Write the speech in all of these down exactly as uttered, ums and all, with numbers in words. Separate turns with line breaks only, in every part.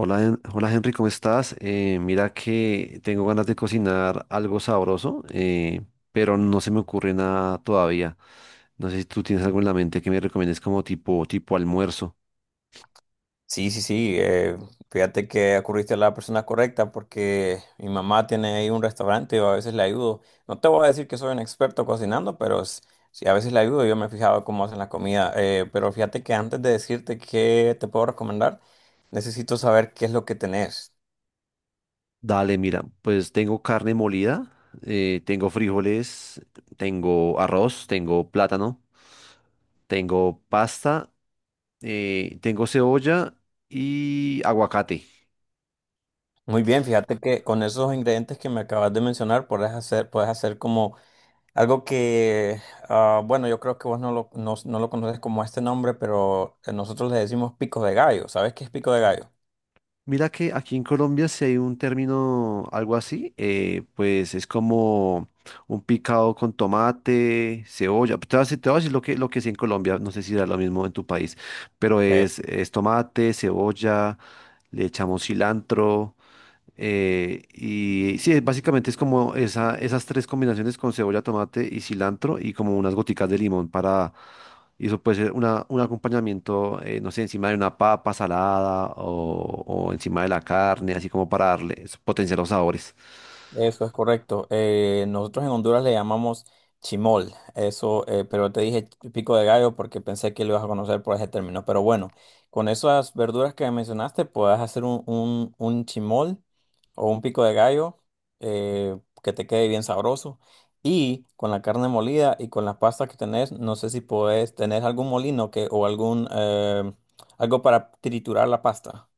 Hola, Hen- hola Henry, ¿cómo estás? Eh, mira que tengo ganas de cocinar algo sabroso, eh, pero no se me ocurre nada todavía. No sé si tú tienes algo en la mente que me recomiendes como tipo, tipo almuerzo.
Sí, sí, sí. Eh, fíjate que acudiste a la persona correcta porque mi mamá tiene ahí un restaurante y a veces le ayudo. No te voy a decir que soy un experto cocinando, pero s- sí, a veces le ayudo. Yo me he fijado cómo hacen la comida. Eh, pero fíjate que antes de decirte qué te puedo recomendar, necesito saber qué es lo que tenés.
Dale, mira, pues tengo carne molida, eh, tengo frijoles, tengo arroz, tengo plátano, tengo pasta, eh, tengo cebolla y aguacate.
Muy bien, fíjate que con esos ingredientes que me acabas de mencionar, puedes hacer, puedes hacer como algo que, ah, bueno, yo creo que vos no lo, no, no lo conoces como este nombre, pero eh, nosotros le decimos pico de gallo. ¿Sabes qué es pico de gallo?
Mira que aquí en Colombia si hay un término algo así, eh, pues es como un picado con tomate, cebolla. Te voy a decir, te voy a decir lo que, lo que es en Colombia, no sé si da lo mismo en tu país, pero
Ok.
es, es tomate, cebolla, le echamos cilantro. Eh, y sí, básicamente es como esa, esas tres combinaciones con cebolla, tomate y cilantro y como unas goticas de limón para... Y eso puede ser una, un acompañamiento, eh, no sé, encima de una papa salada o, o encima de la carne, así como para darle, potenciar los sabores.
Eso es correcto. Eh, nosotros en Honduras le llamamos chimol, eso, eh, pero te dije pico de gallo porque pensé que lo ibas a conocer por ese término. Pero bueno, con esas verduras que mencionaste, puedes hacer un, un, un chimol o un pico de gallo, eh, que te quede bien sabroso. Y con la carne molida y con las pastas que tenés, no sé si podés tener algún molino que, o algún eh, algo para triturar la pasta.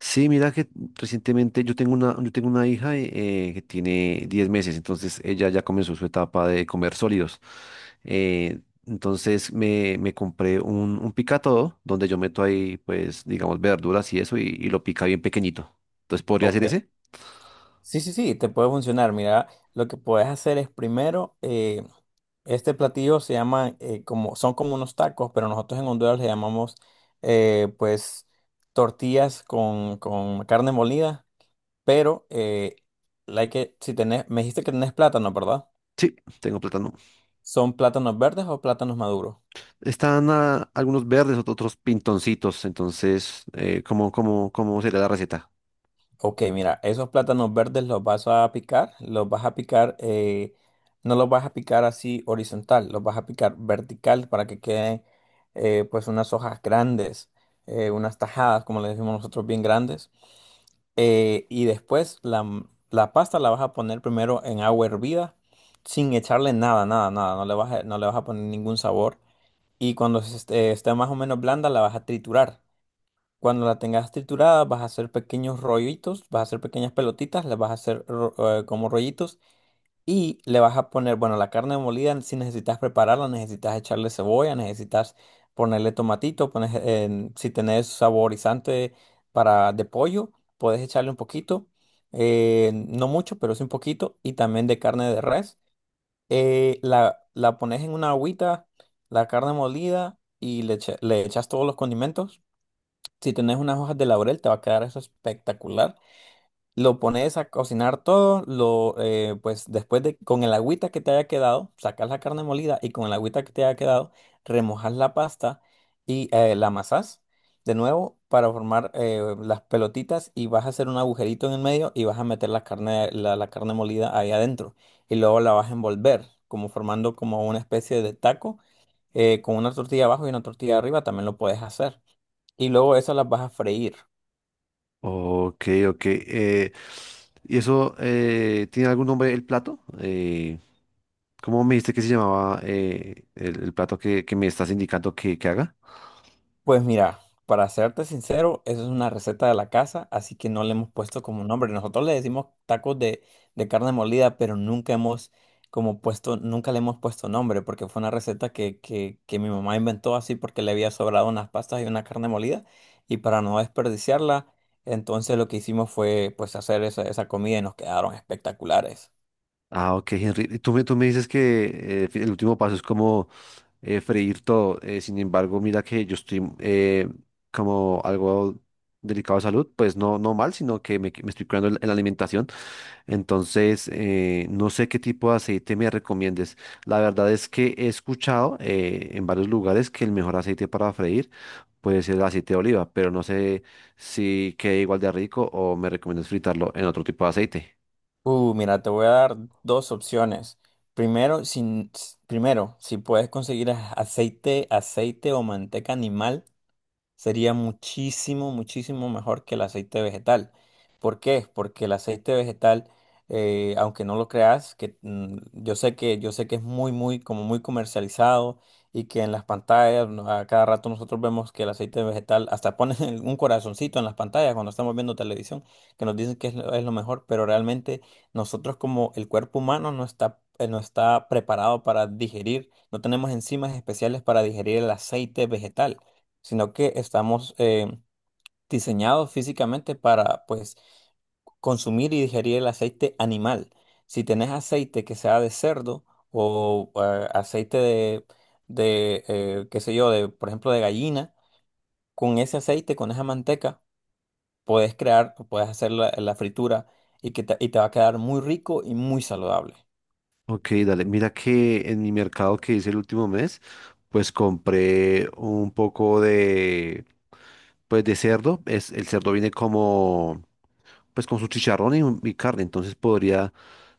Sí, mira que recientemente yo tengo una, yo tengo una hija eh, que tiene diez meses, entonces ella ya comenzó su etapa de comer sólidos. Eh, entonces me, me compré un, un picatodo donde yo meto ahí, pues, digamos, verduras y eso y, y lo pica bien pequeñito. Entonces, ¿podría
Ok.
ser ese?
Sí, sí, sí, te puede funcionar. Mira, lo que puedes hacer es primero, eh, este platillo se llama, eh, como, son como unos tacos, pero nosotros en Honduras le llamamos, eh, pues, tortillas con, con carne molida, pero, eh, la hay que, si tenés, me dijiste que tenés plátano, ¿verdad?
Sí, tengo plátano.
¿Son plátanos verdes o plátanos maduros?
Están ah, algunos verdes, ot- otros pintoncitos, entonces, eh, ¿cómo, cómo, cómo sería la receta?
Ok, mira, esos plátanos verdes los vas a picar, los vas a picar, eh, no los vas a picar así horizontal, los vas a picar vertical para que queden, eh, pues, unas hojas grandes, eh, unas tajadas, como le decimos nosotros, bien grandes. Eh, y después la, m- la pasta la vas a poner primero en agua hervida, sin echarle nada, nada, nada, no le vas a, no le vas a poner ningún sabor. Y cuando se esté, esté más o menos blanda, la vas a triturar. Cuando la tengas triturada, vas a hacer pequeños rollitos, vas a hacer pequeñas pelotitas, las vas a hacer ro- eh, como rollitos, y le vas a poner, bueno, la carne molida, si necesitas prepararla, necesitas echarle cebolla, necesitas ponerle tomatito, pones, en- si tenés saborizante para de pollo, puedes echarle un poquito, eh, no mucho, pero sí un poquito, y también de carne de res. Eh, la, la pones en una agüita, la carne molida, y le echa- le echas todos los condimentos. Si tenés unas hojas de laurel, te va a quedar eso espectacular. Lo pones a cocinar todo, lo, eh, pues después de, con el agüita que te haya quedado, sacas la carne molida, y con el agüita que te haya quedado, remojas la pasta y eh, la amasás de nuevo para formar, eh, las pelotitas, y vas a hacer un agujerito en el medio y vas a meter la carne, la, la carne molida ahí adentro. Y luego la vas a envolver, como formando como una especie de taco, eh, con una tortilla abajo y una tortilla arriba, también lo puedes hacer. Y luego eso las vas a freír.
Ok, ok. eh, ¿y eso eh, tiene algún nombre el plato? Eh, ¿cómo me dijiste que se llamaba eh, el, el plato que, que me estás indicando que, que haga?
Pues mira, para serte sincero, eso es una receta de la casa, así que no le hemos puesto como nombre. Nosotros le decimos tacos de, de carne molida, pero nunca hemos como puesto, nunca le hemos puesto nombre, porque fue una receta que, que, que mi mamá inventó así porque le había sobrado unas pastas y una carne molida, y para no desperdiciarla, entonces lo que hicimos fue pues hacer esa, esa comida, y nos quedaron espectaculares.
Ah, ok, Henry. Y Tú me, tú me dices que eh, el último paso es como eh, freír todo. eh, sin embargo, mira que yo estoy eh, como algo delicado de salud, pues no, no mal, sino que me, me estoy cuidando en la en la alimentación. Entonces, eh, no sé qué tipo de aceite me recomiendes. La verdad es que he escuchado eh, en varios lugares que el mejor aceite para freír puede ser el aceite de oliva, pero no sé si queda igual de rico o me recomiendas fritarlo en otro tipo de aceite.
Uh, mira, te voy a dar dos opciones. Primero, sin, s- primero, si puedes conseguir a- aceite, aceite o manteca animal, sería muchísimo, muchísimo mejor que el aceite vegetal. ¿Por qué? Porque el aceite vegetal, eh, aunque no lo creas, que mm, yo sé que yo sé que es muy, muy, como muy comercializado, y que en las pantallas no, a cada rato nosotros vemos que el aceite vegetal hasta ponen un corazoncito en las pantallas cuando estamos viendo televisión, que nos dicen que es lo, es lo mejor, pero realmente nosotros como el cuerpo humano no está eh, no está preparado para digerir, no tenemos enzimas especiales para digerir el aceite vegetal, sino que estamos, eh, diseñados físicamente para, pues, consumir y digerir el aceite animal. Si tenés aceite que sea de cerdo o eh, aceite de, de eh, qué sé yo, de, por ejemplo, de gallina, con ese aceite, con esa manteca, puedes crear, puedes hacer la, la fritura, y, que te, y te va a quedar muy rico y muy saludable.
Ok, dale. Mira que en mi mercado que hice el último mes, pues compré un poco de, pues de cerdo. Es, el cerdo viene como pues con su chicharrón y, y carne, entonces podría,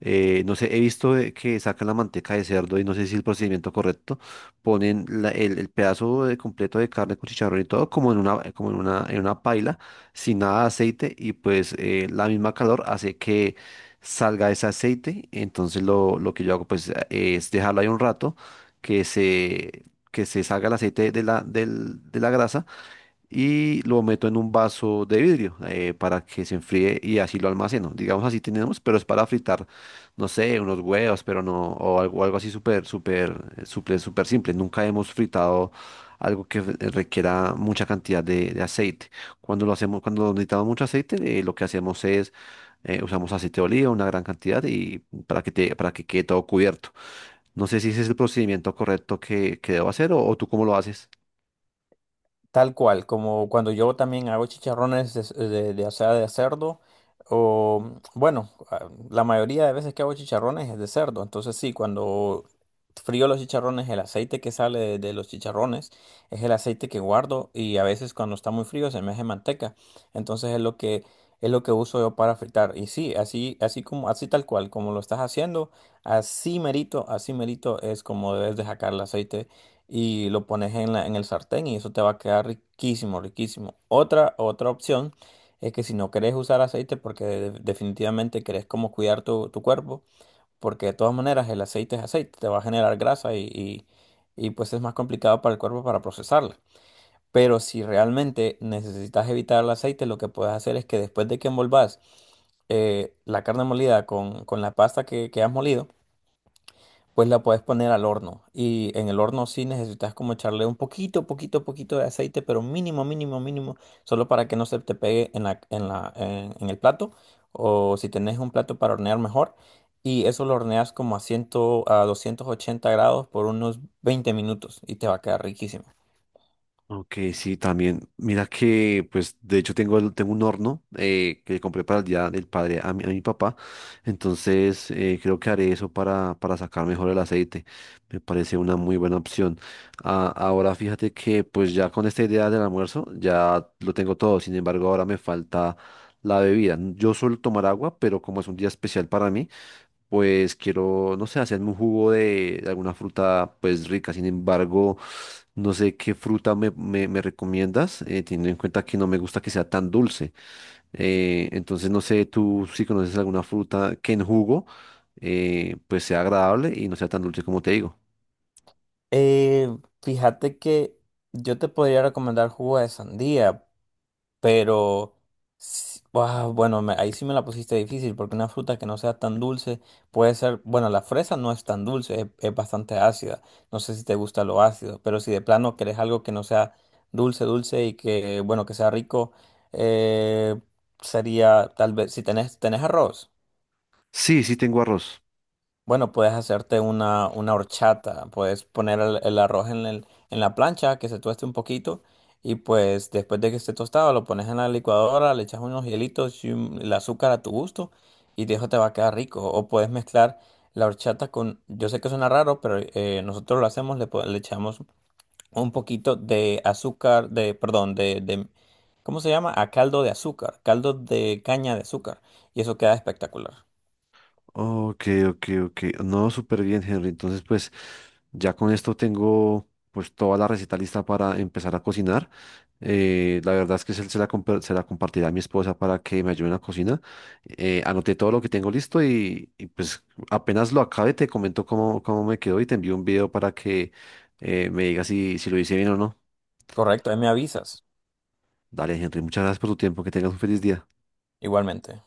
eh, no sé, he visto de que sacan la manteca de cerdo y no sé si es el procedimiento correcto. Ponen la- el, el pedazo de- completo de carne con chicharrón y todo como en una, como en una, en una paila, sin nada de aceite y pues eh, la misma calor hace que salga ese aceite, entonces lo, lo que yo hago pues es dejarlo ahí un rato, que se... que se salga el aceite de la, del- de la grasa y lo meto en un vaso de vidrio eh, para que se enfríe y así lo almaceno. Digamos, así tenemos, pero es para fritar, no sé, unos huevos, pero no, o algo, algo así súper, súper, eh, súper, súper simple. Nunca hemos fritado algo que eh, requiera mucha cantidad de, de aceite. Cuando lo hacemos, cuando necesitamos mucho aceite, eh, lo que hacemos es eh, usamos aceite de oliva, una gran cantidad, y para que te, para que quede todo cubierto. No sé si ese es el procedimiento correcto que, que debo hacer o o tú cómo lo haces.
Tal cual, como cuando yo también hago chicharrones de, de, de- o sea, de cerdo, o bueno, a- la mayoría de veces que hago chicharrones es de cerdo, entonces sí, cuando frío los chicharrones, el aceite que sale de, de los chicharrones es el aceite que guardo, y a veces cuando está muy frío se me hace manteca, entonces es lo que, es lo que uso yo para fritar, y sí, así, así como, así tal cual, como lo estás haciendo, así merito, así merito es como debes de sacar el aceite y lo pones en la- en el sartén, y eso te va a quedar riquísimo, riquísimo. Otra, otra opción es que si no querés usar aceite porque de- definitivamente querés como cuidar tu, tu cuerpo, porque de todas maneras el aceite es aceite, te va a generar grasa, y, y, y pues es más complicado para el cuerpo para procesarla. Pero si realmente necesitas evitar el aceite, lo que puedes hacer es que, después de que envolvas eh, la carne molida con, con la pasta que, que has molido, pues la puedes poner al horno. Y en el horno sí necesitas como echarle un poquito, poquito, poquito de aceite, pero mínimo, mínimo, mínimo, solo para que no se te pegue en la, en la, en, en el plato. O si tenés un plato para hornear, mejor. Y eso lo horneas como a cien, a doscientos ochenta grados por unos veinte minutos, y te va a quedar riquísimo.
Ok, sí, también. Mira que, pues, de hecho tengo, el- tengo un horno eh, que le compré para el Día del Padre a mi, a mi papá. Entonces, eh, creo que haré eso para, para sacar mejor el aceite. Me parece una muy buena opción. Ah, ahora fíjate que, pues, ya con esta idea del almuerzo, ya lo tengo todo. Sin embargo, ahora me falta la bebida. Yo suelo tomar agua, pero como es un día especial para mí, pues quiero, no sé, hacerme un jugo de, de alguna fruta pues rica. Sin embargo, no sé qué fruta me, me- me recomiendas, eh, teniendo en cuenta que no me gusta que sea tan dulce. Eh, entonces, no sé, tú si conoces alguna fruta que en jugo eh, pues sea agradable y no sea tan dulce como te digo.
Eh, fíjate que yo te podría recomendar jugo de sandía. Pero, s- ah, bueno, me- ahí sí me la pusiste difícil, porque una fruta que no sea tan dulce puede ser, bueno, la fresa no es tan dulce, es, es bastante ácida. No sé si te gusta lo ácido, pero si de plano querés algo que no sea dulce, dulce, y que, bueno, que sea rico, eh, sería tal vez, si tenés, tenés arroz.
Sí, sí tengo arroz.
Bueno, puedes hacerte una, una horchata, puedes poner el, el arroz en, el- en la plancha, que se tueste un poquito, y pues después de que esté tostado lo pones en la licuadora, le echas unos hielitos y un- el azúcar a tu gusto, y de eso te va a quedar rico. O puedes mezclar la horchata con, yo sé que suena raro, pero eh, nosotros lo hacemos, le, po- le echamos un poquito de azúcar, de, perdón, de, de, ¿cómo se llama? A caldo de azúcar, caldo de caña de azúcar, y eso queda espectacular.
Ok, ok, ok. No, súper bien, Henry. Entonces, pues ya con esto tengo pues toda la receta lista para empezar a cocinar. Eh, la verdad es que se, se la, compa- se la compartiré a mi esposa para que me ayude en la cocina. Eh, anoté todo lo que tengo listo y, y, pues apenas lo acabe te comento cómo, cómo me quedó y te envío un video para que eh, me digas si, si lo hice bien o no.
Correcto, ahí me avisas,
Dale, Henry, muchas gracias por tu tiempo. Que tengas un feliz día.
igualmente.